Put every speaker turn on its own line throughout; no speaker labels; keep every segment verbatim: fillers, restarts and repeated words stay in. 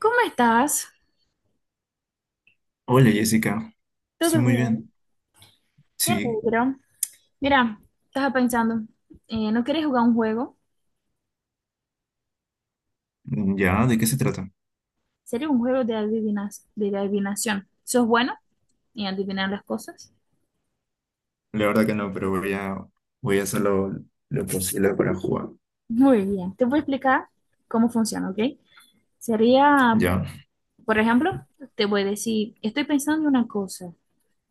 ¿Cómo estás?
Hola Jessica, estoy
¿Todo
muy
bien?
bien.
Me
Sí,
alegro. Mira, estaba pensando, eh, ¿no quieres jugar un juego?
mm, ¿ya? ¿De qué se trata?
Sería un juego de adivinas, de adivinación. ¿Sos bueno en adivinar las cosas?
La verdad que no, pero voy a, voy a hacer lo, lo posible para jugar.
Muy bien. Te voy a explicar cómo funciona, ¿ok? Sería,
¿Ya?
por ejemplo, te voy a decir, estoy pensando en una cosa.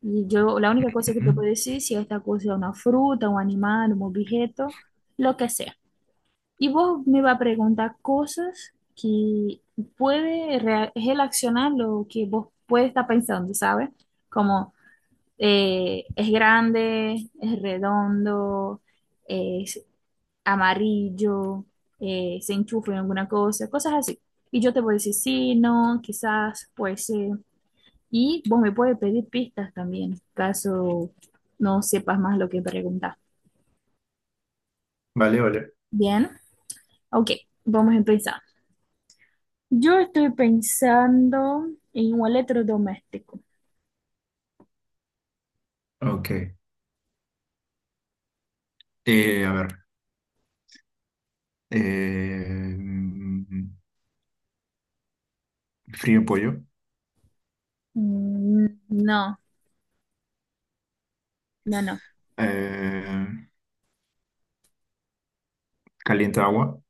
Y yo, la única cosa que
Ujú.
te puedo decir, si esta cosa es una fruta, un animal, un objeto, lo que sea. Y vos me va a preguntar cosas que puede rea- relacionar lo que vos puede estar pensando, ¿sabes? Como eh, es grande, es redondo, es amarillo, eh, se enchufa en alguna cosa, cosas así. Y yo te voy a decir sí, no, quizás, puede ser. Y vos me puedes pedir pistas también, caso no sepas más lo que preguntar.
Vale, vale.
Bien, ok, vamos a empezar. Yo estoy pensando en un electrodoméstico.
Ok. Eh, a ver. Eh, mm, frío pollo.
Mm, no, no, no.
Eh, calienta agua.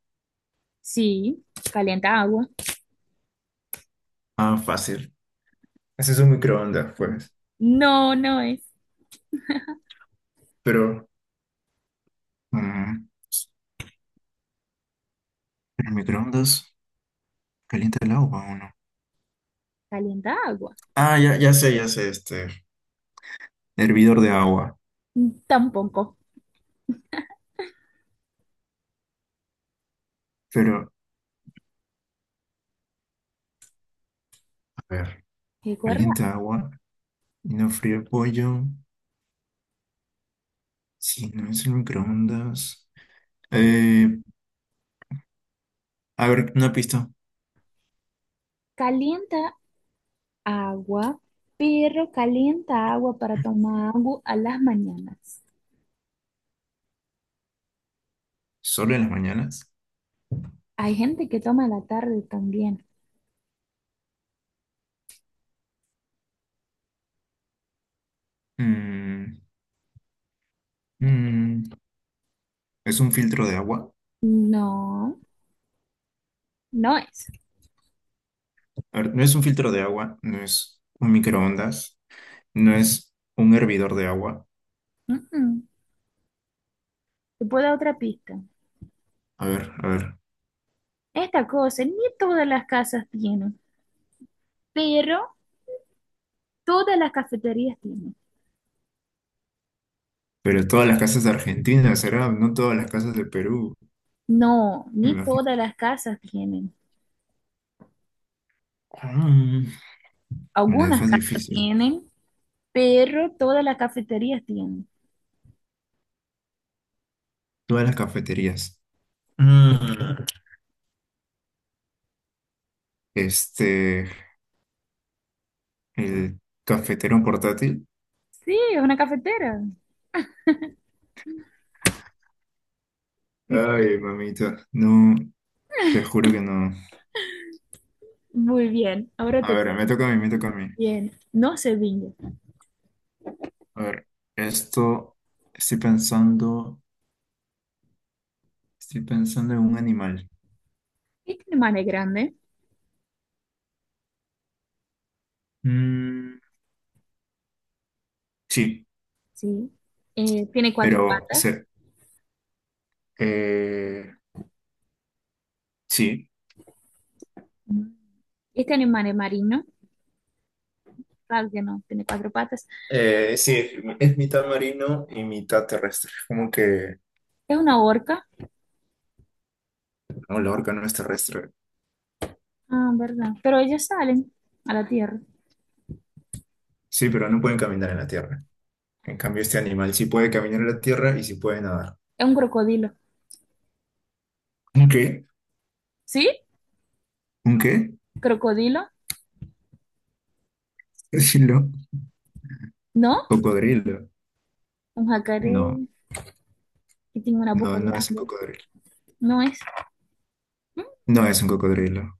Sí, calienta agua.
Ah, fácil. Ese es un microondas, pues.
No, no es.
Pero... mm, ¿el microondas calienta el agua o no?
Calienta agua.
Ah, ya, ya sé, ya sé, este. Hervidor de agua.
Mm, tampoco.
Pero, a ver,
Recuerda,
calienta agua. Y no frío el pollo. Si no es el microondas. Eh, a ver, una pista.
calienta agua, pero calienta agua para tomar agua a las mañanas.
¿Solo en las mañanas?
Hay gente que toma a la tarde también.
Mm, mm, ¿es un filtro de agua?
No, no es.
A ver, no es un filtro de agua. No es un microondas. No es un hervidor de agua.
Mm, mm. Te puedo dar otra pista.
A ver, a ver.
Esta cosa ni todas las casas tienen, pero todas las cafeterías tienen.
Pero todas las casas de Argentina, ¿será? No todas las casas de Perú.
No,
Me
ni
imagino.
todas las casas tienen.
Mm, me la
Algunas
dejas
casas
difícil.
tienen, pero todas las cafeterías tienen.
Todas las cafeterías. Mm, Este, el cafetero portátil.
Sí, es una cafetera. Y-
Ay, mamita, no, te juro que no.
muy bien, ahora
A
te...
ver, me toca a mí, me toca a mí.
Bien, no se viña.
A ver, esto, estoy pensando, estoy pensando en un animal.
Este animal es grande,
Mm, sí,
sí. Eh, tiene cuatro
pero,
patas.
se- eh, sí.
Mm. Este animal es marino, claro que no, tiene cuatro patas.
Eh, sí, es mitad marino y mitad terrestre. Como que,
Es una orca,
no, la orca no es terrestre.
ah, verdad. Pero ellas salen a la tierra.
Sí, pero no pueden caminar en la tierra. En cambio, este animal sí puede caminar en la tierra y sí puede nadar.
Es un crocodilo.
¿Un qué?
¿Sí?
¿Un qué?
¿Crocodilo?
Decirlo.
¿No?
Cocodrilo.
Un jacaré.
No.
Que tiene una boca
No, no es un
grande.
cocodrilo.
No es, mm,
No es un cocodrilo.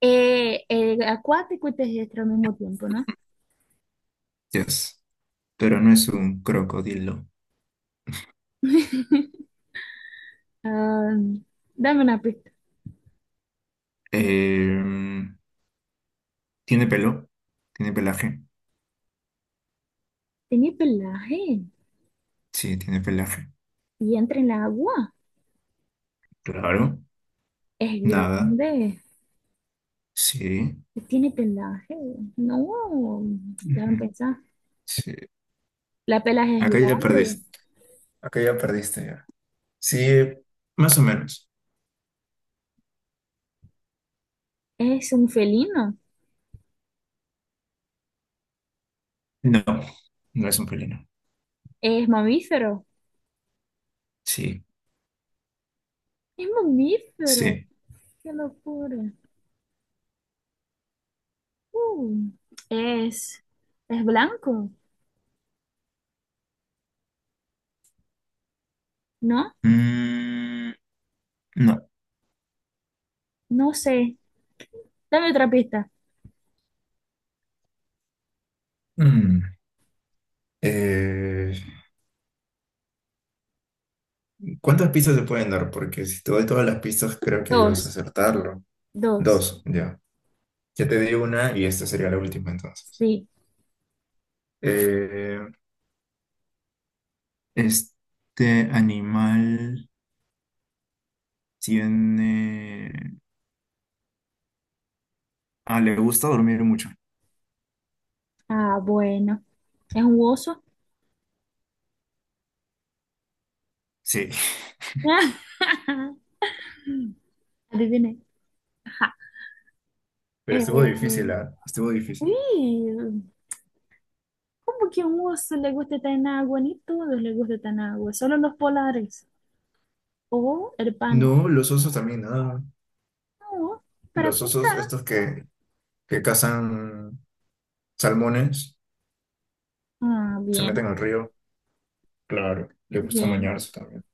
eh, eh, acuático y terrestre al mismo tiempo, ¿no?
Yes. Pero no es un crocodilo.
Ah, dame una pista.
Em, tiene pelo. Tiene pelaje.
Tiene pelaje
Sí, tiene pelaje.
y entra en el agua.
Claro.
Es
Nada.
grande.
Sí.
Tiene pelaje. No, déjame
Ujú.
pensar.
Sí.
La pelaje es
Acá ya
grande.
perdiste. Acá ya perdiste ya. Sí, más o menos.
Es un felino.
No, no es un felino.
Es mamífero.
Sí,
Es mamífero.
sí.
Qué locura. Uh, es, es blanco, ¿no?
Mm, no.
No sé. Dame otra pista.
Mm. Eh, ¿cuántas pistas se pueden dar? Porque si te doy todas las pistas, creo que ahí vas a
Dos,
acertarlo.
dos,
Dos, ya. Ya te di una y esta sería la última entonces.
sí.
Eh, este animal tiene... Ah, le gusta dormir mucho.
Ah, bueno. ¿Es un oso?
Sí,
Adiviné. Ajá.
pero estuvo
Eh,
difícil, ¿ah? Estuvo difícil.
sí, ¿cómo que a un oso le gusta estar en agua? Ni todos les gusta estar en agua, solo los polares. O el panda.
No, los osos también, ah.
No, para
Los osos
pescar.
estos que, que cazan salmones,
Ah,
se
bien,
meten al río. Claro, le gusta
bien.
bañarse también.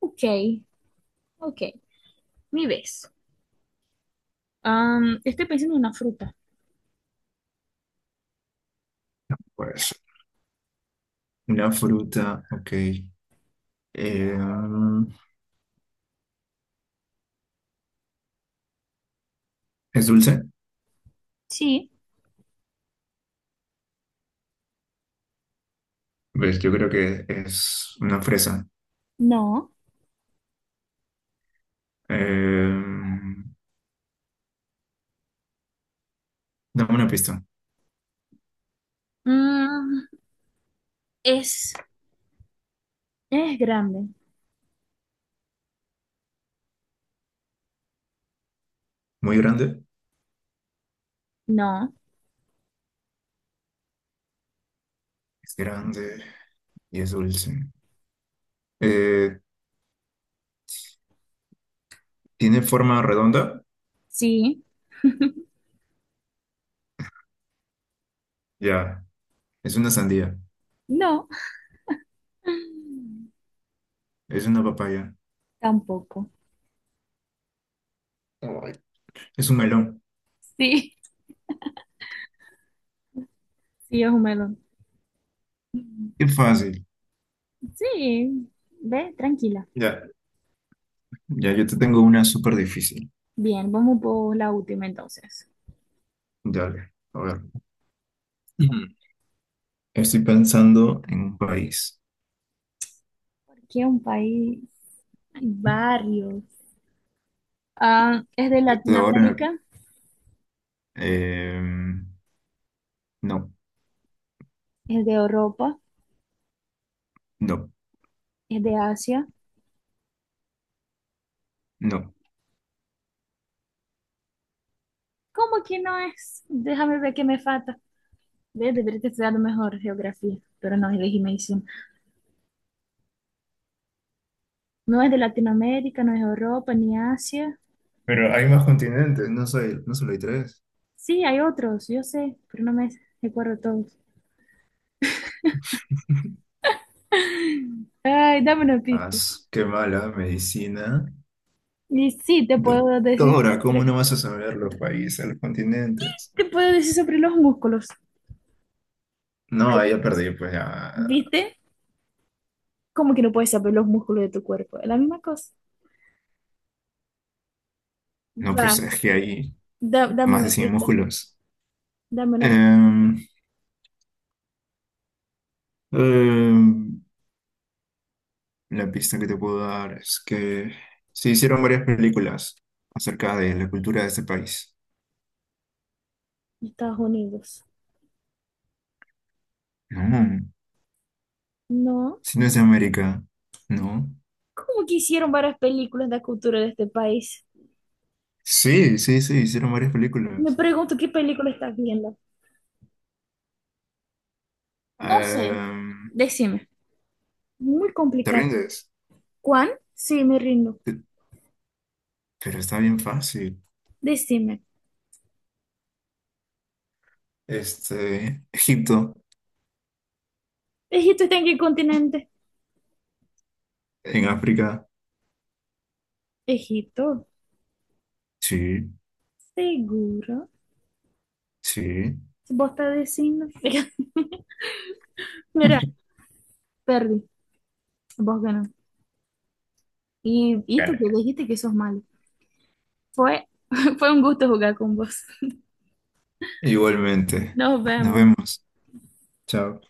Ok, ok. Mi vez. Am, estoy pensando en una fruta.
Pues, una fruta, ok. Eh, ¿es dulce?
Sí.
Pues yo creo que es una fresa.
No.
Eh, dame una pista.
Mm, es, es grande.
Muy grande.
No.
Es grande y es dulce. Eh, tiene forma redonda.
Sí.
Ya. Es una sandía.
No.
Es una papaya.
Tampoco.
Ay, es un melón.
Sí, sí, es un melón.
Qué fácil.
Sí, ve, tranquila.
Ya. Ya, yo te tengo una súper difícil.
Bien, vamos por la última entonces.
Dale. A ver. Mm. Estoy pensando en un país.
¿Por qué un país? Hay varios. Ah, es de
Estoy ahora.
Latinoamérica,
Eh, no,
es de Europa,
no,
es de Asia.
no.
¿Cómo que no es? Déjame ver qué me falta. Ve, debería estudiar mejor geografía, pero no, elegí medicina. No es de Latinoamérica, no es Europa ni Asia.
Pero hay más continentes. No soy, no solo hay tres.
Sí, hay otros, yo sé, pero no me recuerdo todos. Ay, dame una
Ah,
pista.
qué mala medicina.
Y sí, te puedo decir
Doctora, ¿cómo
sobre,
no vas a saber los países, los continentes?
te puedo decir sobre los músculos.
No,
Ay,
ahí ya perdí, pues ya.
¿viste? ¿Cómo que no puedes saber los músculos de tu cuerpo? Es la misma cosa.
No, pues
Va,
es que hay
da- dame
más de
una
cien
pista.
músculos.
Dame una pista,
Em, em, la pista que te puedo dar es que se hicieron varias películas acerca de la cultura de este país.
Estados Unidos.
No,
No.
si no es de América, no.
¿Cómo que hicieron varias películas de la cultura de este país?
Sí, sí, sí, hicieron varias
Me
películas.
pregunto qué película estás viendo. No sé.
Em,
Decime. Muy
¿te
complicado.
rindes?
¿Cuán? Sí, me rindo.
Pe- Pero está bien fácil.
Decime.
Este, Egipto,
¿Egipto está en qué continente?
en África.
Egipto.
Sí,
Seguro.
sí.
¿Vos estás diciendo? Mira, perdí. Vos ganó. Y, y tú que
Dale.
dijiste que sos malo. Fue, fue un gusto jugar con vos.
Igualmente.
Nos
Nos
vemos.
vemos. Chao.